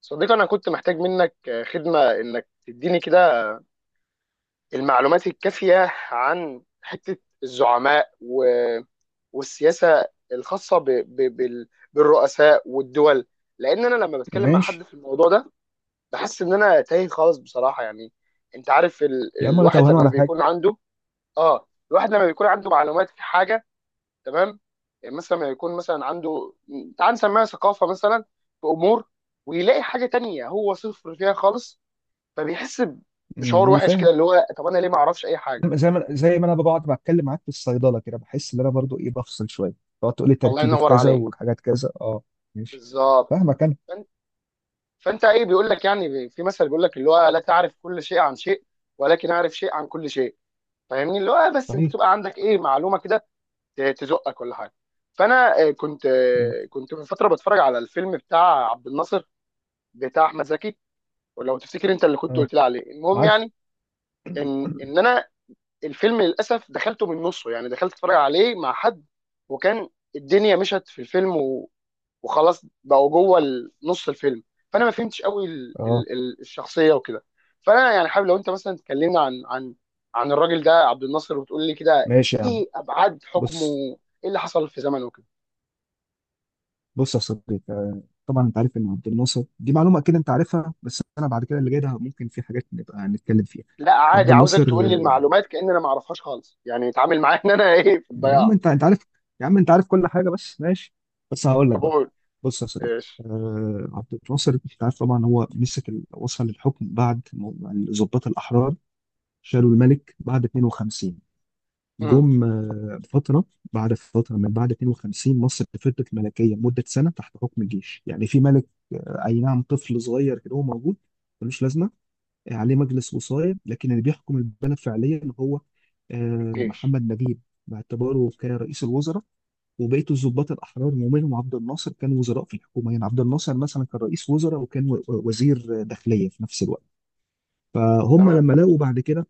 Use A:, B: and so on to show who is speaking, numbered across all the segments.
A: صديقي، أنا كنت محتاج منك خدمة إنك تديني كده المعلومات الكافية عن حتة الزعماء والسياسة الخاصة بالرؤساء والدول، لأن أنا لما بتكلم مع حد
B: ماشي
A: في الموضوع ده بحس إن أنا تايه خالص بصراحة يعني. أنت عارف ال...
B: يا عم، ولا
A: الواحد
B: توهان
A: لما
B: ولا حاجه.
A: بيكون عنده آه الواحد لما بيكون عنده معلومات في حاجة. تمام. يعني مثلا لما يكون مثلا عنده، تعال نسميها ثقافة مثلا، في أمور، ويلاقي حاجة تانية هو صفر فيها خالص، فبيحس بشعور
B: انا
A: وحش
B: فاهم.
A: كده اللي هو، طب انا ليه ما اعرفش اي حاجه؟
B: زي ما انا بقعد بتكلم معاك في الصيدله كده بحس ان انا برضو ايه بفصل شويه. تقعد تقول لي
A: الله
B: تركيبه
A: ينور
B: كذا
A: عليك.
B: والحاجات كذا، اه. ماشي،
A: بالظبط.
B: فاهمك انا.
A: فانت فانت ايه بيقول لك، يعني في مثل بيقول لك اللي هو لا تعرف كل شيء عن شيء، ولكن اعرف شيء عن كل شيء. فاهمني، اللي هو بس انت
B: صحيح.
A: تبقى عندك ايه معلومه كده تزقك ولا حاجه. فانا آه، كنت
B: أمم،
A: آه، كنت من فتره بتفرج على الفيلم بتاع عبد الناصر، بتاع احمد زكي، ولو تفتكر انت اللي كنت
B: اه،
A: قلت لي عليه. المهم
B: عارف.
A: يعني، ان ان انا الفيلم للاسف دخلته من نصه، يعني دخلت اتفرج عليه مع حد، وكان الدنيا مشت في الفيلم وخلاص بقوا جوه نص الفيلم. فانا ما فهمتش قوي
B: اه،
A: الشخصيه وكده. فانا يعني حابب لو انت مثلا تكلمنا عن الراجل ده عبد الناصر، وتقول لي كده
B: ماشي يا عم.
A: ايه ابعاد حكمه،
B: بص
A: ايه اللي حصل في زمنه وكده.
B: بص يا صديقي، طبعا انت عارف ان عبد الناصر دي معلومه اكيد انت عارفها، بس انا بعد كده اللي جاي ده ممكن في حاجات نبقى نتكلم فيها.
A: لا
B: عبد
A: عادي، عاوزك
B: الناصر،
A: تقول لي المعلومات كأن انا ما اعرفهاش خالص، يعني اتعامل معايا ان انا ايه، في
B: يا عم
A: الضياع.
B: انت عارف. يا عم انت عارف كل حاجه، بس ماشي. بس هقول لك
A: طب
B: بقى.
A: قول.
B: بص يا صديقي،
A: ايش؟
B: عبد الناصر انت عارف طبعا هو مسك وصل للحكم بعد ما الضباط الاحرار شالوا الملك بعد 52.
A: امم.
B: جم فتره. بعد فتره من بعد 52 مصر فضلت ملكيه مده سنه تحت حكم الجيش، يعني في ملك، اي نعم، طفل صغير كده هو موجود ملوش لازمه، عليه مجلس وصاية، لكن اللي بيحكم البلد فعليا هو
A: الجيش.
B: محمد نجيب باعتباره كرئيس الوزراء. وبقية الضباط الأحرار ومنهم عبد الناصر كان وزراء في الحكومة، يعني عبد الناصر مثلا كان رئيس وزراء وكان وزير داخلية في نفس الوقت. فهم
A: تمام.
B: لما لقوا بعد كده،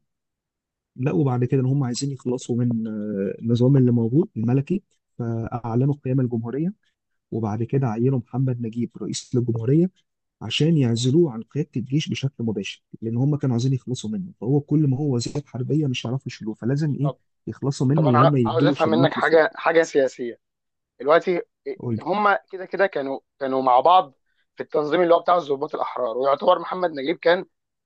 B: لقوا بعد كده إن هم عايزين يخلصوا من النظام اللي موجود الملكي، فأعلنوا قيام الجمهورية. وبعد كده عينوا محمد نجيب رئيس للجمهورية عشان يعزلوه عن قيادة الجيش بشكل مباشر، لأن هم كانوا عايزين يخلصوا منه، فهو كل ما هو وزير حربية مش هيعرفوا يشيلوه، فلازم إيه
A: طب
B: يخلصوا
A: طب
B: منه،
A: انا
B: اللي هم
A: عاوز
B: يدوا له
A: افهم منك
B: شلوت لفوق.
A: حاجه سياسيه دلوقتي.
B: قول
A: هم كده كانوا مع بعض في التنظيم اللي هو بتاع الضباط الاحرار، ويعتبر محمد نجيب كان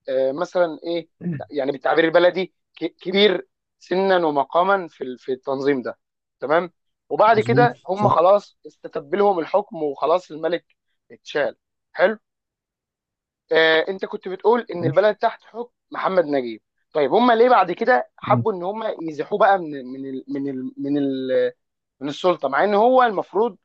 A: مثلا ايه،
B: لي.
A: لا، يعني بالتعبير البلدي كبير سنا ومقاما في في التنظيم ده. تمام. وبعد كده
B: مظبوط،
A: هم
B: صح.
A: خلاص استتب لهم الحكم، وخلاص الملك اتشال. حلو. آه، انت كنت بتقول ان
B: ماشي.
A: البلد تحت حكم محمد نجيب. طيب هم ليه بعد كده
B: مم.
A: حبوا ان هم يزيحوه بقى من السلطه، مع ان هو المفروض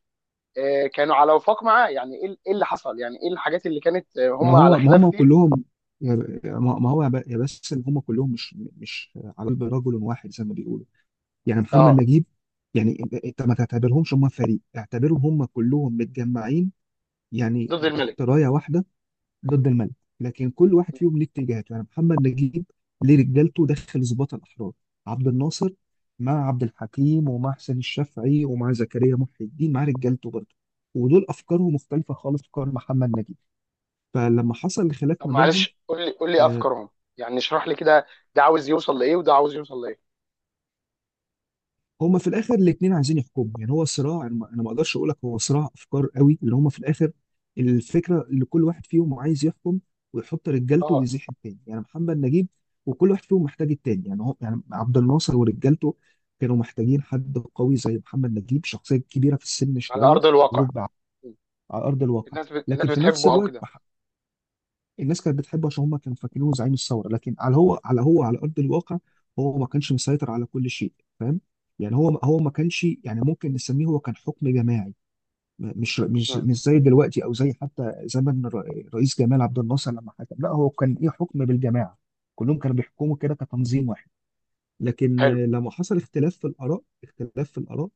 A: كانوا على وفاق معاه؟ يعني ايه، إيه اللي حصل؟ يعني ايه الحاجات اللي كانت
B: ما
A: هم على
B: هو ما
A: خلاف
B: هم
A: فيه؟
B: كلهم، ما هو يا بس ان هم كلهم مش مش على قلب رجل واحد زي ما بيقولوا. يعني محمد
A: اه.
B: نجيب، يعني انت ما تعتبرهمش هم فريق، اعتبرهم هم كلهم متجمعين يعني
A: ضد
B: تحت
A: الملك.
B: رايه واحده. ضد الملك. لكن كل واحد فيهم ليه اتجاهاته، يعني محمد نجيب ليه رجالته داخل ظباط الاحرار. عبد الناصر مع عبد الحكيم ومع حسين الشافعي ومع زكريا محي الدين مع رجالته برضه، ودول افكارهم مختلفه خالص عن افكار محمد نجيب. فلما حصل الخلاف
A: طب
B: ما بينهم،
A: معلش، قول لي
B: آه،
A: افكارهم، يعني اشرح لي كده، ده عاوز يوصل لايه وده عاوز يوصل لايه؟
B: هما في الاخر الاثنين عايزين يحكموا، يعني هو صراع، انا ما أنا ما اقدرش اقول لك هو صراع افكار قوي، اللي هما في الاخر الفكره اللي كل واحد فيهم عايز يحكم ويحط رجالته
A: اه.
B: ويزيح التاني. يعني محمد نجيب وكل واحد فيهم محتاج التاني، يعني هو يعني عبد الناصر ورجالته كانوا محتاجين حد قوي زي محمد نجيب، شخصيه كبيره في السن
A: على
B: شويه
A: ارض الواقع.
B: وربع
A: م.
B: على ارض الواقع.
A: الناس
B: لكن في نفس
A: بتحبه او
B: الوقت،
A: كده؟
B: الناس كانت بتحبه عشان هم كانوا فاكرينه زعيم الثوره، لكن على هو على هو على ارض الواقع هو ما كانش مسيطر على كل شيء. فاهم؟ يعني هو ما كانش، يعني ممكن نسميه هو كان حكم جماعي، مش مش
A: م.
B: مش زي دلوقتي او زي حتى زمن رئيس جمال عبد الناصر لما حكم، لا هو كان ايه، حكم بالجماعه، كلهم كانوا بيحكموا كده كتنظيم واحد. لكن
A: حلو.
B: لما حصل اختلاف في الاراء، اختلاف في الاراء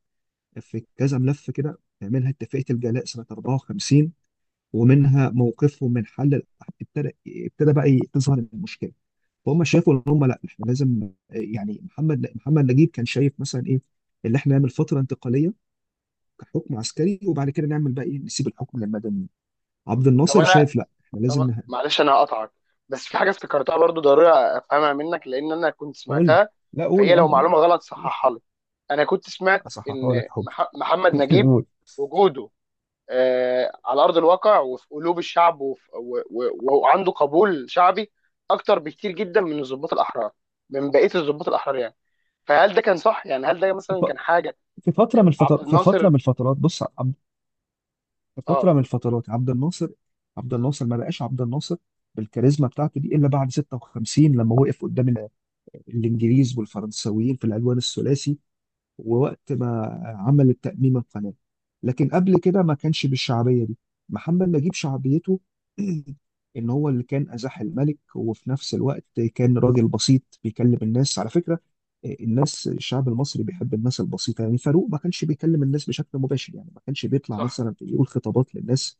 B: في كذا ملف كده، منها اتفاقيه الجلاء سنه 54، ومنها موقفهم من حل ابتدى، ابتدى بقى تظهر المشكله. فهم شافوا ان هم لا احنا لازم، يعني محمد نجيب كان شايف مثلا ايه اللي احنا نعمل فتره انتقاليه كحكم عسكري، وبعد كده نعمل بقى ايه، نسيب الحكم للمدنيين. عبد
A: طب
B: الناصر
A: انا
B: شايف لا احنا لازم
A: طب معلش، انا هقطعك، بس في حاجه افتكرتها برضو ضروري افهمها منك لان انا كنت
B: قول لي.
A: سمعتها،
B: لا قول
A: فهي
B: يا
A: لو
B: عم قول.
A: معلومه غلط
B: قول.
A: صححها لي. انا كنت سمعت
B: اصححها لك
A: ان
B: يا حبي.
A: محمد نجيب
B: قول.
A: وجوده على ارض الواقع وفي قلوب الشعب وعنده قبول شعبي اكتر بكتير جدا من بقيه الضباط الاحرار يعني. فهل ده كان صح؟ يعني هل ده
B: في
A: مثلا
B: ف-
A: كان حاجه؟
B: في فتره من
A: عبد
B: الفترات في فتره
A: الناصر.
B: من الفترات بص. في
A: اه.
B: فتره من الفترات عبد الناصر، عبد الناصر ما بقاش عبد الناصر بالكاريزما بتاعته دي الا بعد 56، لما وقف قدام الانجليز والفرنساويين في العدوان الثلاثي، ووقت ما عمل التأميم القناة. لكن قبل كده ما كانش بالشعبية دي. محمد نجيب شعبيته إن هو اللي كان أزاح الملك، وفي نفس الوقت كان راجل بسيط بيكلم الناس على فكرة. الناس الشعب المصري بيحب الناس البسيطة، يعني فاروق ما كانش بيكلم الناس بشكل مباشر، يعني ما كانش بيطلع
A: صح،
B: مثلا يقول خطابات للناس.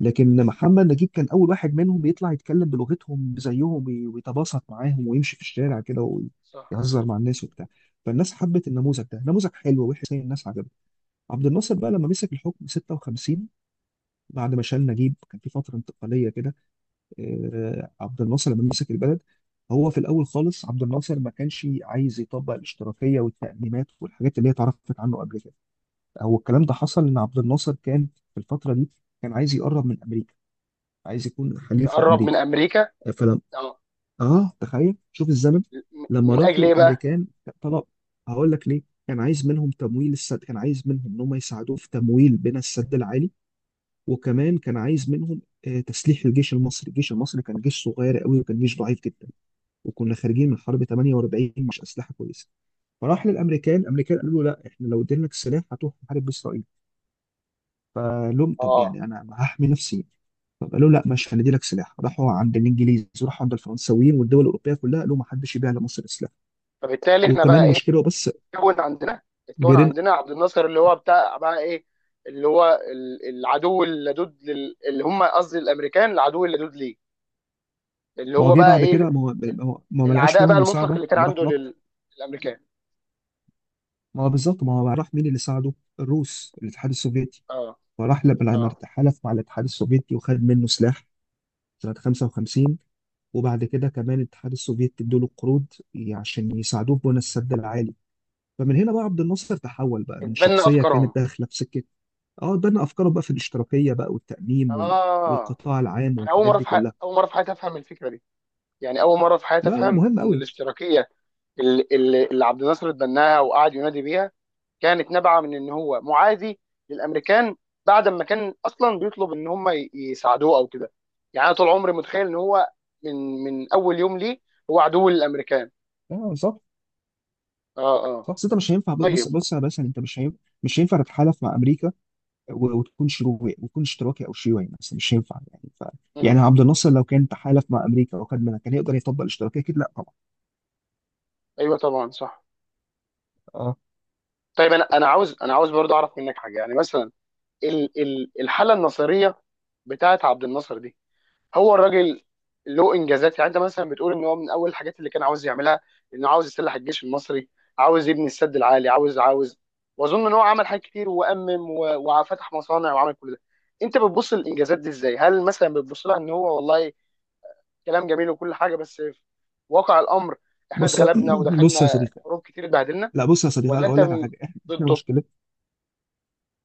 B: لكن محمد نجيب كان اول واحد منهم يطلع يتكلم بلغتهم زيهم، ويتباسط معاهم ويمشي في الشارع كده
A: صح.
B: ويهزر مع الناس وبتاع. فالناس حبت النموذج ده، نموذج حلو وحسين الناس عجبته. عبد الناصر بقى لما مسك الحكم 56، بعد ما شال نجيب كان في فتره انتقاليه كده. عبد الناصر لما مسك البلد، هو في الاول خالص عبد الناصر ما كانش عايز يطبق الاشتراكيه والتأميمات والحاجات اللي هي اتعرفت عنه قبل كده. هو الكلام ده حصل ان عبد الناصر كان في الفتره دي كان عايز يقرب من امريكا، عايز يكون حليف
A: يقرب من
B: لامريكا.
A: امريكا.
B: فلم،
A: اه.
B: اه تخيل شوف الزمن. لما
A: من
B: راح
A: اجل ايه بقى؟
B: للامريكان طلب، هقول لك ليه، كان عايز منهم تمويل السد، كان عايز منهم ان هم يساعدوه في تمويل بناء السد العالي. وكمان كان عايز منهم تسليح الجيش المصري. الجيش المصري كان جيش صغير قوي، وكان جيش ضعيف جدا، وكنا خارجين من حرب 48، مش اسلحه كويسه. فراح للامريكان، الامريكان قالوا له لا احنا لو ادينا لك سلاح هتروح تحارب باسرائيل. فلهم طب
A: اه.
B: يعني انا هحمي نفسي. طب قالوا لا ماشي هندي لك سلاح. راحوا عند الانجليز وراحوا عند الفرنساويين والدول الاوروبيه كلها، قالوا ما حدش يبيع لمصر سلاح.
A: فبالتالي احنا
B: وكمان
A: بقى ايه،
B: مشكله بس
A: اتكون عندنا اتكون
B: جيران.
A: عندنا عبد الناصر اللي هو بتاع بقى ايه، اللي هو العدو اللدود اللي هم، قصدي الامريكان، العدو اللدود ليه، اللي
B: ما هو
A: هو
B: جه
A: بقى
B: بعد
A: ايه،
B: كده، ما هو ما لقاش
A: العداء بقى
B: منهم
A: المطلق
B: مساعده،
A: اللي كان
B: قام راح
A: عنده
B: نط.
A: للامريكان.
B: ما هو بالظبط، ما هو راح مين اللي ساعده؟ الروس، الاتحاد السوفيتي.
A: اه،
B: فراح لما
A: اه.
B: حلف مع الاتحاد السوفيتي وخد منه سلاح سنه 55. وبعد كده كمان الاتحاد السوفيتي ادوا له قروض عشان يساعدوه في بنى السد العالي. فمن هنا بقى عبد الناصر تحول بقى من
A: اتبنى
B: شخصيه كانت
A: افكارهم.
B: داخله في سكه. اه، ده انا افكاره بقى في الاشتراكيه بقى والتأميم
A: اه.
B: والقطاع العام
A: انا اول
B: والحاجات
A: مره
B: دي كلها.
A: في حياتي افهم الفكره دي. يعني اول مره في حياتي
B: لا
A: افهم
B: مهم
A: ان
B: قوي.
A: الاشتراكيه اللي عبد الناصر اتبناها وقعد ينادي بيها كانت نابعه من ان هو معادي للامريكان، بعد ما كان اصلا بيطلب ان هم يساعدوه او كده. يعني انا طول عمري متخيل ان هو من اول يوم ليه هو عدو للامريكان.
B: لا صح.
A: اه، اه.
B: صح، بس انت مش هينفع، بص
A: طيب.
B: بص يا باشا، انت مش هينفع، مش هينفع تتحالف مع امريكا وتكون شيوعي، وتكون اشتراكي او شيوعي مثلا، مش هينفع يعني
A: مم.
B: يعني عبد الناصر لو كان تحالف مع امريكا وكان منها كان يقدر يطبق الاشتراكيه؟ اكيد لا طبعا.
A: ايوه طبعا، صح.
B: اه.
A: طيب، انا عاوز برضه اعرف منك حاجه، يعني مثلا ال ال الحاله النصيريه بتاعت عبد الناصر دي، هو الراجل له انجازات، يعني انت مثلا بتقول ان هو من اول الحاجات اللي كان عاوز يعملها انه عاوز يسلح الجيش المصري، عاوز يبني السد العالي، عاوز عاوز واظن ان هو عمل حاجات كتير، وفتح مصانع وعمل كل ده. انت بتبص للانجازات دي ازاي؟ هل مثلا بتبص لها ان هو والله كلام جميل وكل حاجه، بس في واقع الامر احنا
B: بص.
A: اتغلبنا ودخلنا
B: بص يا صديقي.
A: حروب كتير، اتبهدلنا؟
B: لا بص يا صديقي،
A: ولا
B: انا
A: انت
B: اقول لك على حاجه، احنا إحنا
A: ضده؟
B: مشكلتنا،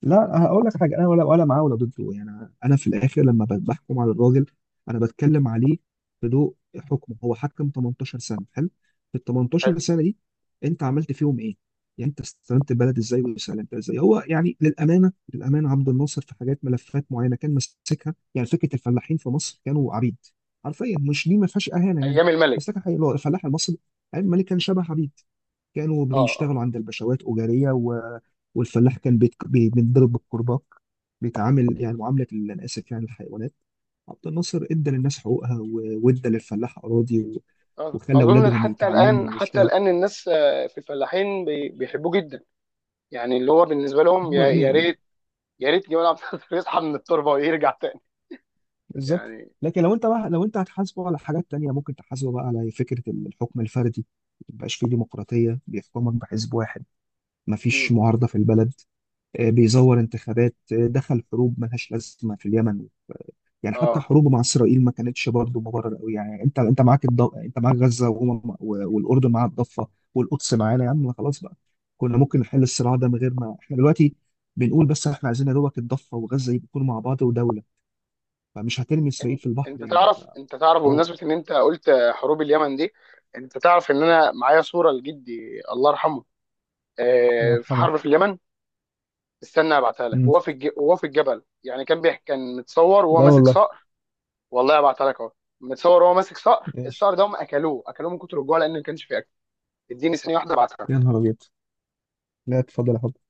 B: لا هقول لك حاجه، انا ولا معاه ولا ضده، يعني أنا في الاخر لما بحكم على الراجل، انا بتكلم عليه بضوء حكمه. هو حكم 18 سنه، حلو، في ال 18 سنه دي انت عملت فيهم ايه؟ يعني انت استلمت البلد ازاي وسلمتها ازاي؟ هو يعني للامانه، للامانه عبد الناصر في حاجات ملفات معينه كان ماسكها، يعني فكره الفلاحين في مصر كانوا عبيد، حرفيا، مش دي ما فيهاش اهانه يعني،
A: ايام الملك.
B: بس لكن الفلاح المصري عيب الملك كان شبه عبيد، كانوا
A: اه، اه.
B: بيشتغلوا عند الباشوات أجارية، والفلاح كان بيتضرب بالكرباج، بيتعامل يعني معاملة أنا آسف يعني الحيوانات. عبد الناصر ادى
A: مم.
B: للناس حقوقها، وادى للفلاح أراضي وخلى
A: اظن
B: أولادهم
A: حتى الان،
B: يتعلموا
A: حتى
B: واشتغلوا.
A: الان الناس في الفلاحين بيحبوه جدا. يعني اللي هو بالنسبه
B: ما
A: لهم،
B: هو
A: يا
B: يعني
A: ريت، يا ريت جمال عبد الناصر يصحى من التربه ويرجع تاني
B: بالظبط.
A: يعني.
B: لكن لو انت بقى، لو انت هتحاسبه على حاجات تانية ممكن تحاسبه بقى على فكرة الحكم الفردي، ما يبقاش فيه ديمقراطية، بيحكمك بحزب واحد، ما فيش
A: مم.
B: معارضة في البلد، بيزور انتخابات، دخل حروب ملهاش لازمة في اليمن. يعني حتى
A: اه.
B: حروبه مع اسرائيل ما كانتش برضه مبرر قوي، يعني انت معاك انت معاك غزه وهم والاردن معاها الضفه والقدس معانا، يا عم ما خلاص بقى. كنا ممكن نحل الصراع ده من غير ما احنا دلوقتي بنقول بس احنا عايزين يا دوبك الضفه وغزه يكونوا مع بعض ودوله، فمش هترمي
A: إن-
B: اسرائيل في البحر
A: انت
B: يعني.
A: تعرف انت تعرف
B: فهو
A: بمناسبه ان انت قلت حروب اليمن دي، انت تعرف ان انا معايا صوره لجدي الله يرحمه
B: الله
A: في
B: يرحمه.
A: حرب في اليمن؟ استنى ابعتها لك،
B: مم.
A: وهو في الجبل، يعني كان بيحكي، كان متصور وهو
B: لا
A: ماسك
B: والله.
A: صاع. والله ابعتها لك اهو، متصور هو ماسك صقر،
B: ماشي.
A: الصقر ده هم اكلوه، اكلوه من كتر الجوع لان ما كانش فيه اكل. اديني ثانيه واحده
B: يا
A: ابعتها.
B: نهار ابيض. لا اتفضل يا حبيبي.